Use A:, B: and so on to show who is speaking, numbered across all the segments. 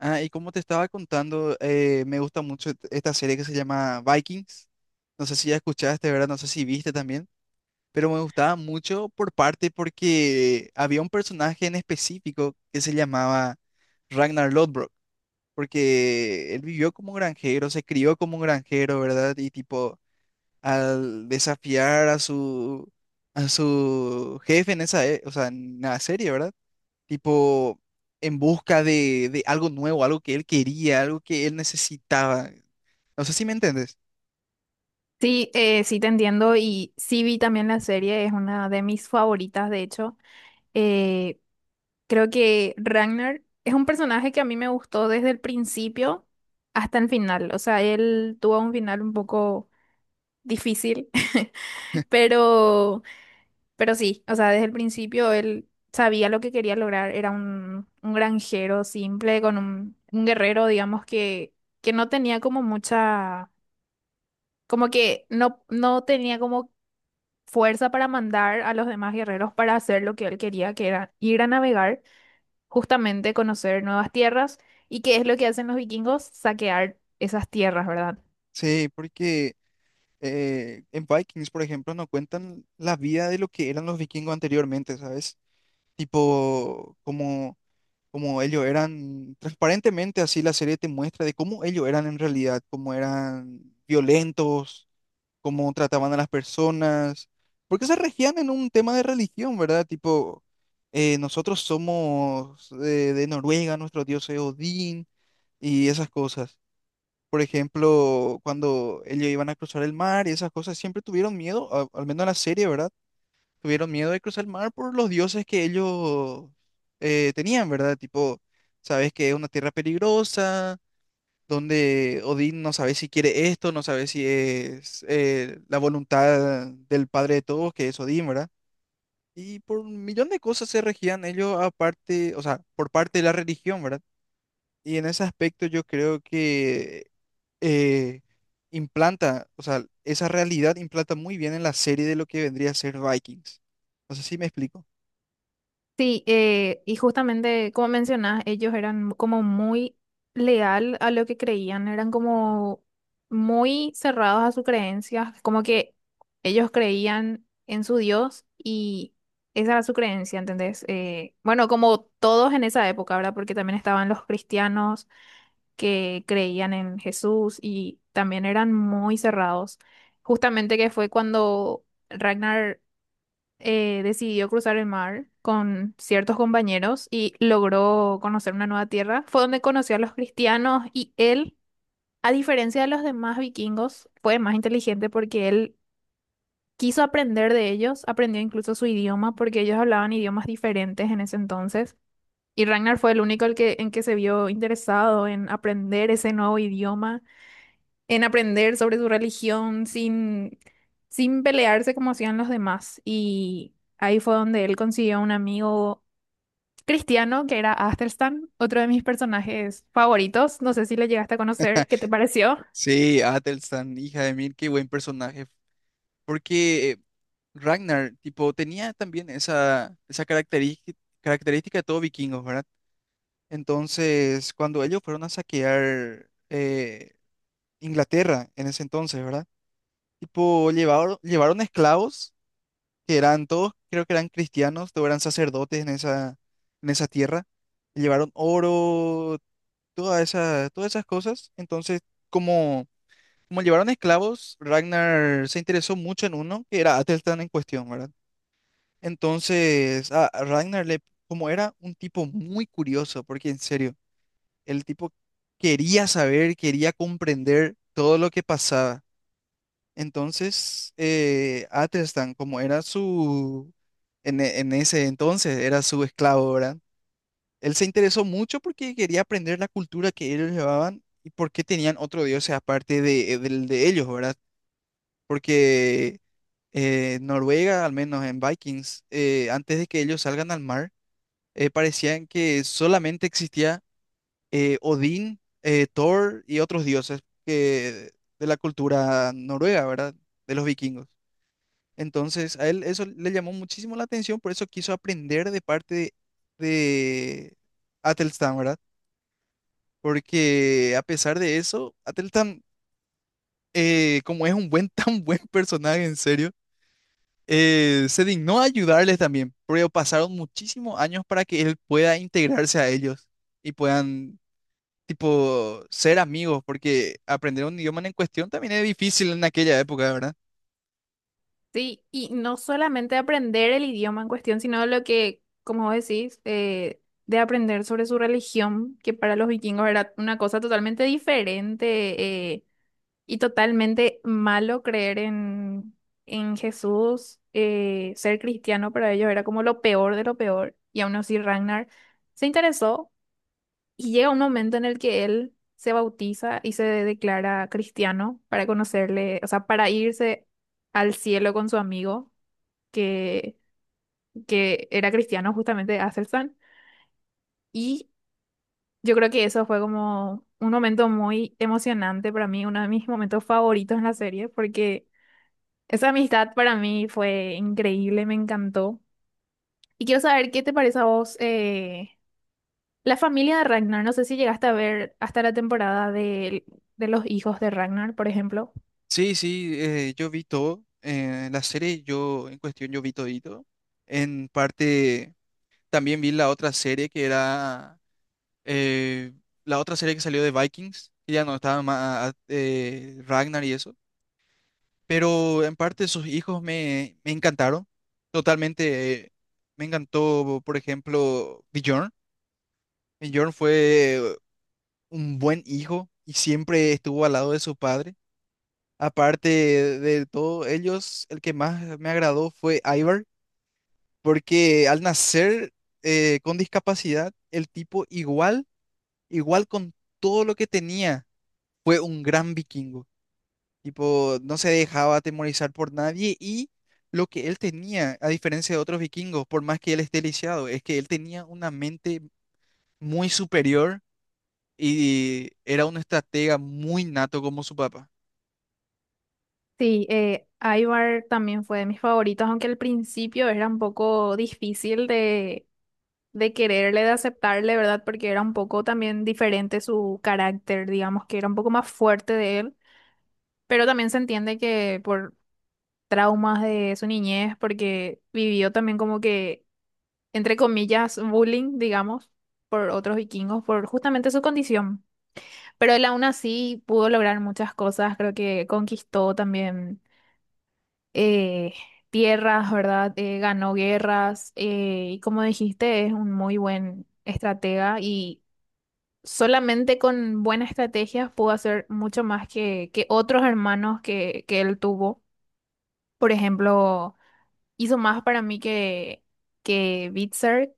A: Ah, y como te estaba contando, me gusta mucho esta serie que se llama Vikings. No sé si ya escuchaste, ¿verdad? No sé si viste también, pero me gustaba mucho por parte porque había un personaje en específico que se llamaba Ragnar Lodbrok, porque él vivió como granjero, se crió como granjero, ¿verdad? Y tipo, al desafiar a su jefe en esa, o sea, en la serie, ¿verdad? Tipo, en busca de algo nuevo, algo que él quería, algo que él necesitaba. No sé si me entiendes.
B: Sí, sí te entiendo y sí vi también la serie, es una de mis favoritas de hecho. Eh, Creo que Ragnar es un personaje que a mí me gustó desde el principio hasta el final, o sea, él tuvo un final un poco difícil, pero, pero sí, o sea, desde el principio él sabía lo que quería lograr, era un granjero simple, con un guerrero, digamos, que no tenía como mucha, como que no tenía como fuerza para mandar a los demás guerreros para hacer lo que él quería, que era ir a navegar, justamente conocer nuevas tierras. ¿Y qué es lo que hacen los vikingos? Saquear esas tierras, ¿verdad?
A: Sí, porque en Vikings, por ejemplo, no cuentan la vida de lo que eran los vikingos anteriormente, ¿sabes? Tipo, como, como ellos eran, transparentemente así la serie te muestra de cómo ellos eran en realidad, cómo eran violentos, cómo trataban a las personas, porque se regían en un tema de religión, ¿verdad? Tipo, nosotros somos de Noruega, nuestro dios es Odín y esas cosas. Por ejemplo, cuando ellos iban a cruzar el mar y esas cosas, siempre tuvieron miedo, al menos en la serie, ¿verdad? Tuvieron miedo de cruzar el mar por los dioses que ellos tenían, ¿verdad? Tipo, sabes que es una tierra peligrosa donde Odín no sabe si quiere esto, no sabe si es la voluntad del padre de todos, que es Odín, ¿verdad? Y por un millón de cosas se regían ellos aparte, o sea, por parte de la religión, ¿verdad? Y en ese aspecto yo creo que eh, implanta, o sea, esa realidad implanta muy bien en la serie de lo que vendría a ser Vikings. No sé si me explico.
B: Sí, y justamente como mencionás, ellos eran como muy leal a lo que creían, eran como muy cerrados a sus creencias, como que ellos creían en su Dios y esa era su creencia, ¿entendés? Bueno, como todos en esa época, ¿verdad? Porque también estaban los cristianos que creían en Jesús y también eran muy cerrados. Justamente que fue cuando Ragnar decidió cruzar el mar con ciertos compañeros y logró conocer una nueva tierra. Fue donde conoció a los cristianos y él, a diferencia de los demás vikingos, fue más inteligente porque él quiso aprender de ellos, aprendió incluso su idioma porque ellos hablaban idiomas diferentes en ese entonces. Y Ragnar fue el único el en que se vio interesado en aprender ese nuevo idioma en aprender sobre su religión sin pelearse como hacían los demás. Y ahí fue donde él consiguió un amigo cristiano que era Athelstan, otro de mis personajes favoritos. No sé si le llegaste a conocer, ¿qué te pareció?
A: Sí, Athelstan, hija de mil, qué buen personaje. Porque Ragnar, tipo, tenía también esa característica, característica de todo vikingos, ¿verdad? Entonces, cuando ellos fueron a saquear Inglaterra en ese entonces, ¿verdad? Tipo, llevaron esclavos, que eran todos, creo que eran cristianos, todos eran sacerdotes en esa tierra. Llevaron oro, toda esa, todas esas cosas. Entonces, como, como llevaron esclavos, Ragnar se interesó mucho en uno, que era Atelstan en cuestión, ¿verdad? Entonces, a Ragnar le, como era un tipo muy curioso, porque en serio, el tipo quería saber, quería comprender todo lo que pasaba. Entonces, Athelstan, como era su, en, en ese entonces era su esclavo, ¿verdad? Él se interesó mucho porque quería aprender la cultura que ellos llevaban y por qué tenían otro dios aparte de, del de ellos, ¿verdad? Porque Noruega, al menos en Vikings, antes de que ellos salgan al mar, parecían que solamente existía Odín, Thor y otros dioses que, de la cultura noruega, ¿verdad? De los vikingos. Entonces, a él eso le llamó muchísimo la atención, por eso quiso aprender de parte de Atelstan, ¿verdad? Porque a pesar de eso, Atelstan, como es un buen, tan buen personaje, en serio, se dignó a ayudarles también, pero pasaron muchísimos años para que él pueda integrarse a ellos y puedan tipo, ser amigos, porque aprender un idioma en cuestión también es difícil en aquella época, ¿verdad?
B: Sí, y no solamente aprender el idioma en cuestión, sino lo que, como vos decís, de aprender sobre su religión, que para los vikingos era una cosa totalmente diferente. eh, Y totalmente malo creer en Jesús. Ser cristiano para ellos era como lo peor de lo peor. Y aún así Ragnar se interesó y llega un momento en el que él se bautiza y se declara cristiano para conocerle, o sea, para irse al cielo con su amigo que, que era cristiano justamente Aselsan. Y yo creo que eso fue como un momento muy emocionante para mí, uno de mis momentos favoritos en la serie porque... Esa amistad para mí fue increíble, me encantó. Y quiero saber qué te parece a vos la familia de Ragnar. No sé si llegaste a ver hasta la temporada de los hijos de Ragnar, por ejemplo.
A: Sí, sí, yo vi todo, la serie yo en cuestión yo vi todito, en parte también vi la otra serie que era, eh, la otra serie que salió de Vikings, que ya no estaba más, Ragnar y eso, pero en parte sus hijos me, me encantaron, totalmente, me encantó, por ejemplo, Bjorn. Bjorn fue un buen hijo y siempre estuvo al lado de su padre. Aparte de todos ellos, el que más me agradó fue Ivar, porque al nacer con discapacidad, el tipo igual, igual con todo lo que tenía, fue un gran vikingo. Tipo, no se dejaba atemorizar por nadie y lo que él tenía, a diferencia de otros vikingos, por más que él esté lisiado, es que él tenía una mente muy superior y era un estratega muy nato como su papá.
B: Sí, Ivar también fue de mis favoritos, aunque al principio era un poco difícil de quererle, de aceptarle, ¿verdad? Porque era un poco también diferente su carácter, digamos que era un poco más fuerte de él. Pero también se entiende que por traumas de su niñez porque vivió también como que, entre comillas, bullying, digamos, por otros vikingos, por justamente su condición. Pero él aún así pudo lograr muchas cosas, creo que conquistó también eh, tierras, ¿verdad? Ganó guerras y como dijiste, es un muy buen estratega y... Solamente con buenas estrategias pudo hacer mucho más que otros hermanos que él tuvo. Por ejemplo, hizo más para mí que Bitzer,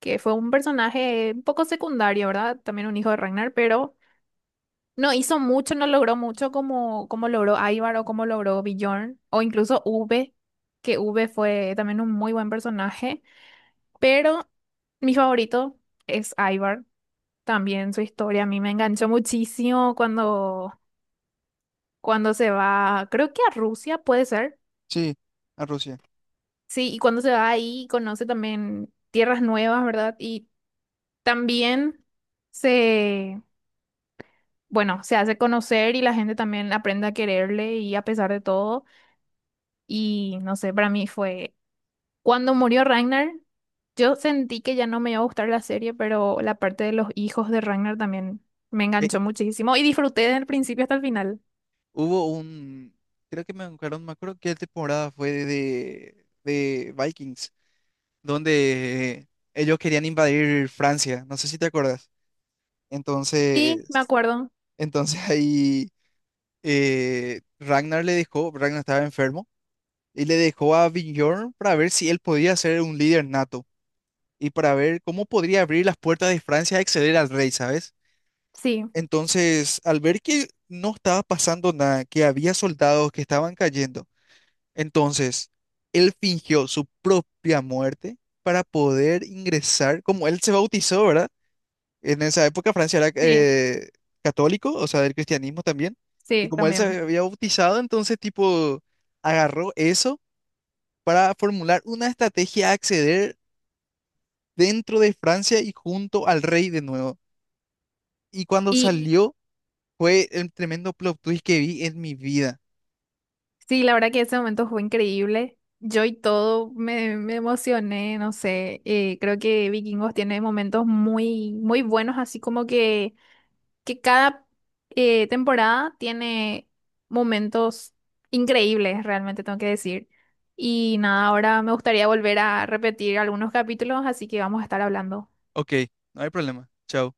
B: que fue un personaje un poco secundario, ¿verdad? También un hijo de Ragnar, pero no hizo mucho, no logró mucho como, como logró Ivar o como logró Bjorn, o incluso V, que V fue también un muy buen personaje, pero mi favorito es Ivar. También su historia a mí me enganchó muchísimo cuando, cuando se va, creo que a Rusia puede ser.
A: Sí, a Rusia.
B: Sí, y cuando se va ahí conoce también tierras nuevas, ¿verdad? Y también se, bueno, se hace conocer y la gente también aprende a quererle y a pesar de todo. Y no sé, para mí fue cuando murió Ragnar, yo sentí que ya no me iba a gustar la serie, pero la parte de los hijos de Ragnar también me
A: Eh,
B: enganchó muchísimo y disfruté desde el principio hasta el final.
A: hubo un, creo que me acuerdo, no me acuerdo qué temporada fue de Vikings, donde ellos querían invadir Francia, no sé si te acuerdas.
B: Sí, me
A: Entonces,
B: acuerdo.
A: entonces ahí Ragnar le dejó, Ragnar estaba enfermo, y le dejó a Bjorn para ver si él podía ser un líder nato y para ver cómo podría abrir las puertas de Francia a acceder al rey, ¿sabes?
B: Sí,
A: Entonces, al ver que no estaba pasando nada, que había soldados que estaban cayendo, entonces él fingió su propia muerte para poder ingresar, como él se bautizó, ¿verdad? En esa época Francia era
B: sí,
A: católico, o sea, del cristianismo también, y
B: sí,
A: como él se
B: también.
A: había bautizado, entonces tipo agarró eso para formular una estrategia a acceder dentro de Francia y junto al rey de nuevo. Y cuando
B: Y
A: salió, fue el tremendo plot twist que vi en mi vida.
B: sí, la verdad que ese momento fue increíble. Yo y todo me, me emocioné, no sé. Creo que Vikingos tiene momentos muy, muy buenos, así como que cada temporada tiene momentos increíbles, realmente tengo que decir. Y nada, ahora me gustaría volver a repetir algunos capítulos, así que vamos a estar hablando.
A: Ok, no hay problema. Chao.